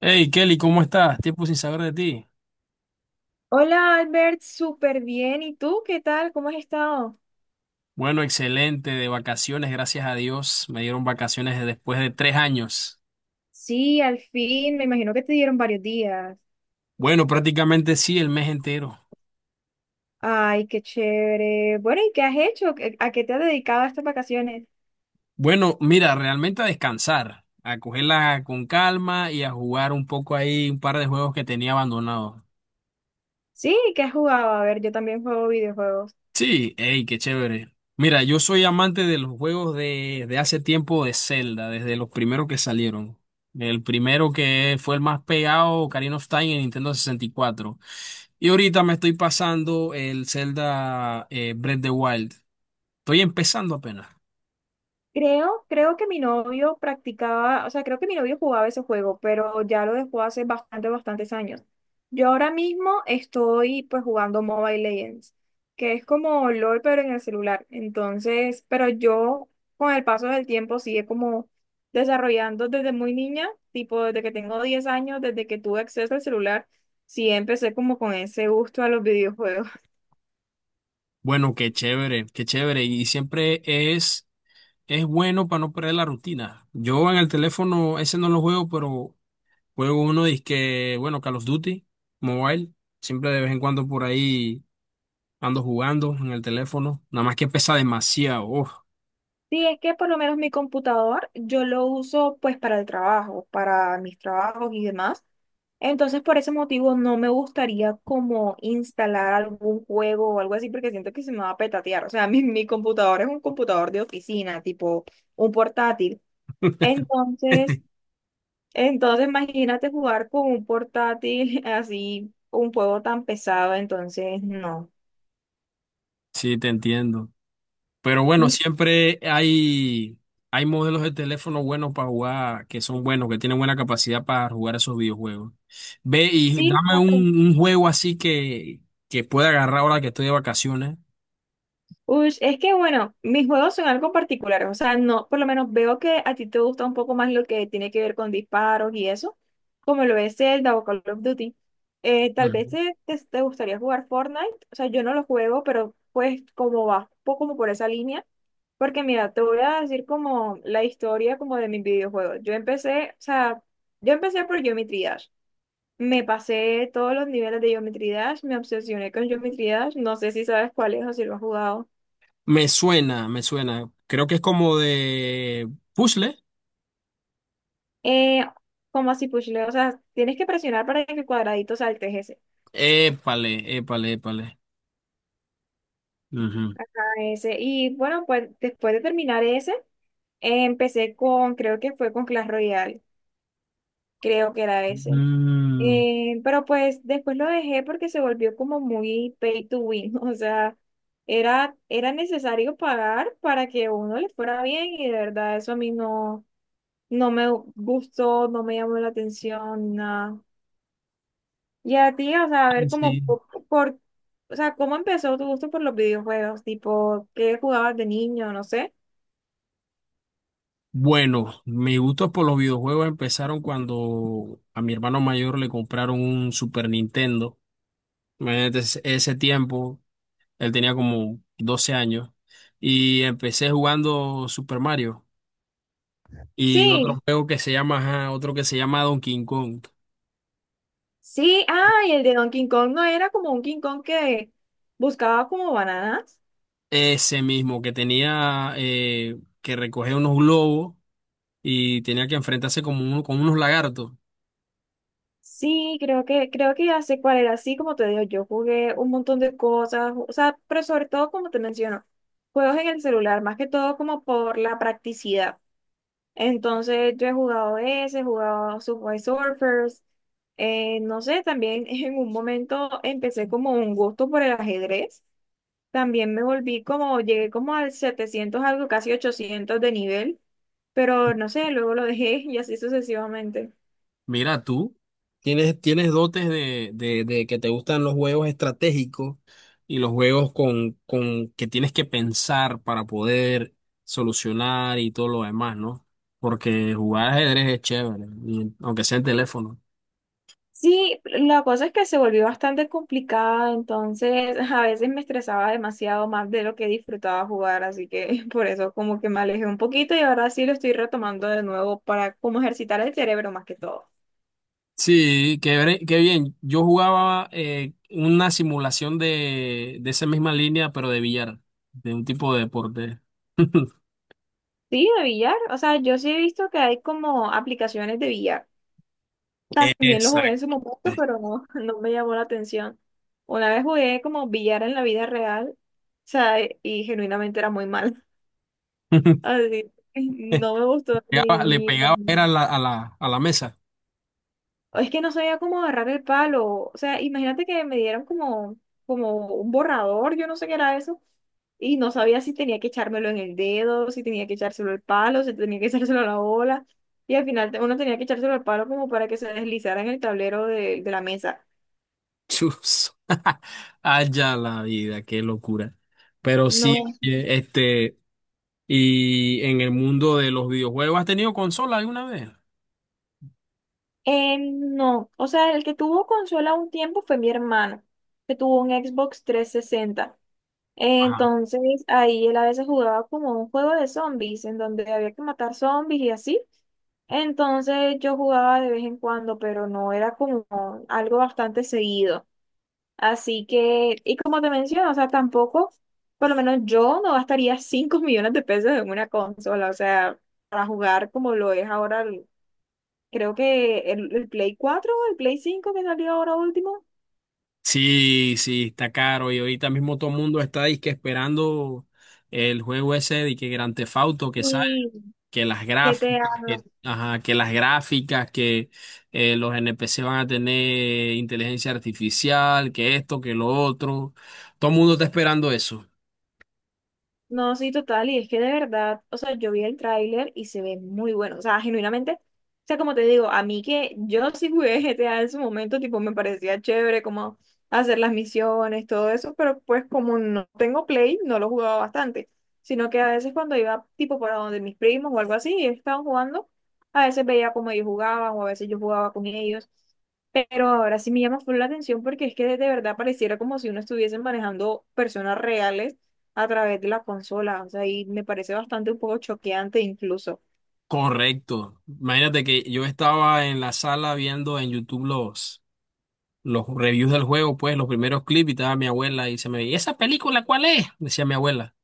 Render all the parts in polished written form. Hey Kelly, ¿cómo estás? Tiempo sin saber de ti. Hola Albert, súper bien. ¿Y tú qué tal? ¿Cómo has estado? Bueno, excelente, de vacaciones, gracias a Dios. Me dieron después de tres años. Sí, al fin, me imagino que te dieron varios días. Bueno, prácticamente sí, el mes entero. Ay, qué chévere. Bueno, ¿y qué has hecho? ¿A qué te has dedicado estas vacaciones? Bueno, mira, realmente a descansar, a cogerla con calma y a jugar un poco ahí un par de juegos que tenía abandonados. Sí, ¿qué has jugado? A ver, yo también juego videojuegos. Sí, hey, qué chévere. Mira, yo soy amante de los juegos de hace tiempo de Zelda, desde los primeros que salieron. El primero que fue el más pegado, Ocarina of Time, en Nintendo 64. Y cuatro. Y ahorita me estoy pasando el Zelda Breath of the Wild. Estoy empezando apenas. Creo que mi novio practicaba, o sea, creo que mi novio jugaba ese juego, pero ya lo dejó hace bastante, bastantes años. Yo ahora mismo estoy pues jugando Mobile Legends, que es como LOL, pero en el celular. Entonces, pero yo con el paso del tiempo sigue como desarrollando desde muy niña, tipo desde que tengo 10 años, desde que tuve acceso al celular, sí empecé como con ese gusto a los videojuegos. Bueno, qué chévere, qué chévere. Y es bueno para no perder la rutina. Yo en el teléfono ese no lo juego, pero juego uno, que bueno, Call of Duty Mobile. Siempre de vez en cuando por ahí ando jugando en el teléfono. Nada más que pesa demasiado. Uf. Sí, es que por lo menos mi computador yo lo uso pues para el trabajo, para mis trabajos y demás. Entonces por ese motivo no me gustaría como instalar algún juego o algo así porque siento que se me va a petatear. O sea, mi computador es un computador de oficina, tipo un portátil. Entonces, entonces imagínate jugar con un portátil así, un juego tan pesado, entonces no. Sí, te entiendo. Pero bueno, hay modelos de teléfono buenos para jugar, que son buenos, que tienen buena capacidad para jugar esos videojuegos. Ve y Sí, un juego así que pueda agarrar ahora que estoy de vacaciones. Ush, es que bueno, mis juegos son algo particulares, o sea, no, por lo menos veo que a ti te gusta un poco más lo que tiene que ver con disparos y eso, como lo es Zelda o Call of Duty. Tal vez Ujú. te gustaría jugar Fortnite, o sea, yo no lo juego, pero pues como va, un poco como por esa línea, porque mira, te voy a decir como la historia como de mis videojuegos. Yo empecé, o sea, yo empecé por Geometry Dash. Me pasé todos los niveles de Geometry Dash, me obsesioné con Geometry Dash, no sé si sabes cuál es o si lo has jugado. Me suena, me suena. Creo que es como de puzzle. Eh, como así pushle, o sea, tienes que presionar para que el cuadradito salte ese. Épale, épale, épale. Ujú. ese. Y bueno, pues después de terminar ese, empecé con, creo que fue con Clash Royale, creo que era ese. Mm, Pero pues después lo dejé porque se volvió como muy pay to win, o sea, era necesario pagar para que uno le fuera bien y de verdad eso a mí no, no me gustó, no me llamó la atención, nada. Y a ti, o sea, a ah, ver cómo, sí. O sea, cómo empezó tu gusto por los videojuegos, tipo, ¿qué jugabas de niño? No sé. Bueno, mis gustos por los videojuegos empezaron cuando a mi hermano mayor le compraron un Super Nintendo. Imagínate ese tiempo, él tenía como 12 años y empecé jugando Super Mario y otro Sí, juego que se llama, ajá, otro que se llama Donkey Kong. sí, ah, y el de Donkey Kong no era como un King Kong que buscaba como bananas. Ese mismo que tenía que recoger unos globos y tenía que enfrentarse como uno, con unos lagartos. Sí, creo que ya sé cuál era. Sí, como te digo, yo jugué un montón de cosas, o sea, pero sobre todo, como te menciono, juegos en el celular, más que todo como por la practicidad. Entonces yo he jugado ese, he jugado Subway Surfers, no sé, también en un momento empecé como un gusto por el ajedrez, también me volví como, llegué como al 700 algo, casi 800 de nivel, pero no sé, luego lo dejé y así sucesivamente. Mira, tú tienes dotes de que te gustan los juegos estratégicos y los juegos con que tienes que pensar para poder solucionar y todo lo demás, ¿no? Porque jugar ajedrez es chévere, aunque sea en teléfono. Sí, la cosa es que se volvió bastante complicada, entonces a veces me estresaba demasiado más de lo que disfrutaba jugar, así que por eso como que me alejé un poquito y ahora sí lo estoy retomando de nuevo para como ejercitar el cerebro más que todo. Sí, qué bien. Yo jugaba una simulación de esa misma línea, pero de billar, de un tipo de deporte. Sí, de billar, o sea, yo sí he visto que hay como aplicaciones de billar. También lo jugué en Exacto. su momento, pero no, no me llamó la atención. Una vez jugué como billar en la vida real, o sea, y genuinamente era muy mal. Así, que no me gustó ni, Le ni. pegaba era a a la mesa. Es que no sabía cómo agarrar el palo. O sea, imagínate que me dieron como un borrador, yo no sé qué era eso. Y no sabía si tenía que echármelo en el dedo, si tenía que echárselo al palo, si tenía que echárselo a la bola. Y al final uno tenía que echárselo al palo como para que se deslizara en el tablero de la mesa. Chus. Allá la vida, qué locura. Pero sí, No, oye, este, y en el mundo de los videojuegos, ¿has tenido consola alguna vez? No. O sea, el que tuvo consola un tiempo fue mi hermano, que tuvo un Xbox 360. Ajá. Entonces ahí él a veces jugaba como un juego de zombies, en donde había que matar zombies y así. Entonces yo jugaba de vez en cuando, pero no era como algo bastante seguido. Así que, y como te menciono, o sea, tampoco, por lo menos yo no gastaría 5 millones de pesos en una consola, o sea, para jugar como lo es ahora, creo que el Play 4 o el Play 5 que salió ahora último. Sí, sí, está caro. Y ahorita mismo todo el mundo está disque esperando el juego ese de que Grand Theft Auto que sale, Y que las GTA. gráficas, que, ajá, que las gráficas, que los NPC van a tener inteligencia artificial, que esto, que lo otro. Todo el mundo está esperando eso. No, sí, total, y es que de verdad, o sea, yo vi el tráiler y se ve muy bueno, o sea, genuinamente, o sea, como te digo, a mí que yo sí jugué GTA en su momento, tipo, me parecía chévere como hacer las misiones, todo eso, pero pues como no tengo Play, no lo jugaba bastante, sino que a veces cuando iba tipo para donde mis primos o algo así, y ellos estaban jugando, a veces veía cómo ellos jugaban o a veces yo jugaba con ellos, pero ahora sí me llama full la atención porque es que de verdad pareciera como si uno estuviese manejando personas reales a través de la consola, o sea, y me parece bastante un poco choqueante incluso. Correcto. Imagínate que yo estaba en la sala viendo en YouTube los reviews del juego, pues los primeros clips, y estaba mi abuela y se me veía, ¿esa película cuál es?, decía mi abuela.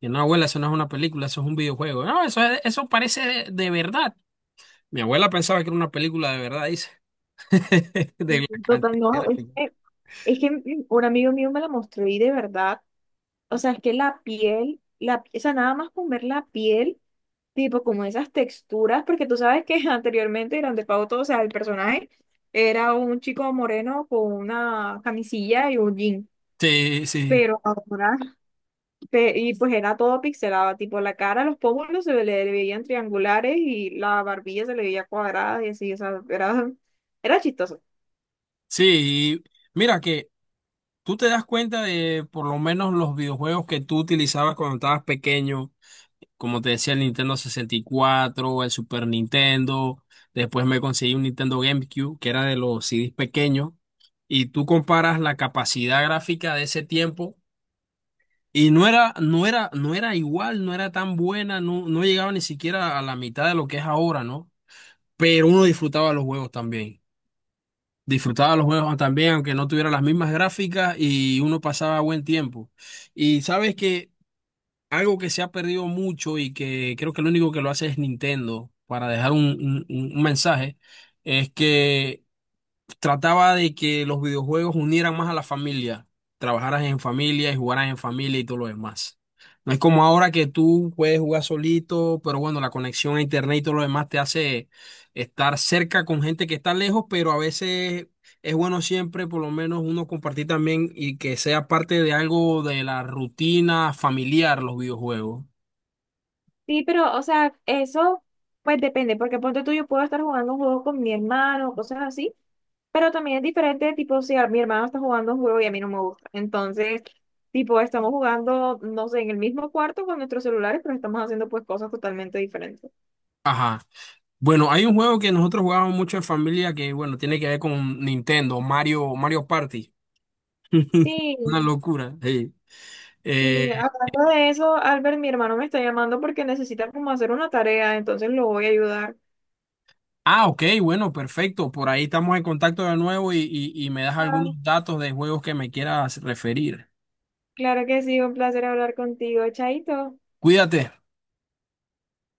Y no, abuela, eso no es una película, eso es un videojuego. No, eso, es- Eso parece de verdad. Mi abuela pensaba que era una película de verdad, dice. De la Total, no, es cantidad. que Es que un amigo mío me la mostró y de verdad, o sea, es que la piel, o sea, nada más con ver la piel, tipo como esas texturas, porque tú sabes que anteriormente Grand Theft Auto, o sea, el personaje era un chico moreno con una camisilla y un jean, Sí, sí. pero ahora y pues era todo pixelado, tipo la cara, los pómulos se le veían triangulares y la barbilla se le veía cuadrada y así, o sea, era, era chistoso. Sí, y mira que tú te das cuenta de por lo menos los videojuegos que tú utilizabas cuando estabas pequeño, como te decía, el Nintendo sesenta y cuatro, el Super Nintendo. Después me conseguí un Nintendo GameCube, que era de los CDs pequeños. Y tú comparas la capacidad gráfica de ese tiempo. Y no era igual, no era tan buena, no, no llegaba ni siquiera a la mitad de lo que es ahora, ¿no? Pero uno disfrutaba los juegos también. Disfrutaba los juegos también, aunque no tuviera las mismas gráficas y uno pasaba buen tiempo. Y sabes que algo que se ha perdido mucho y que creo que lo único que lo hace es Nintendo para dejar un mensaje es que trataba de que los videojuegos unieran más a la familia, trabajaras en familia y jugaras en familia y todo lo demás. No es como ahora que tú puedes jugar solito, pero bueno, la conexión a internet y todo lo demás te hace estar cerca con gente que está lejos, pero a veces es bueno siempre por lo menos uno compartir también y que sea parte de algo de la rutina familiar los videojuegos. Sí, pero, o sea, eso pues depende, porque ponte tú, yo puedo estar jugando un juego con mi hermano, cosas así, pero también es diferente, tipo, si mi hermano está jugando un juego y a mí no me gusta. Entonces, tipo, estamos jugando, no sé, en el mismo cuarto con nuestros celulares, pero estamos haciendo pues cosas totalmente diferentes. Ajá. Bueno, hay un juego que nosotros jugábamos mucho en familia que, bueno, tiene que ver con Nintendo, Mario, Mario Party. Sí, Una locura. Sí. Eh, y hablando de eso, Albert, mi hermano me está llamando porque necesita como hacer una tarea, entonces lo voy a ayudar. ah, ok, bueno, perfecto. Por ahí estamos en contacto de nuevo y, y me das algunos Va. datos de juegos que me quieras referir. Claro que sí, un placer hablar contigo, Chaito. Cuídate.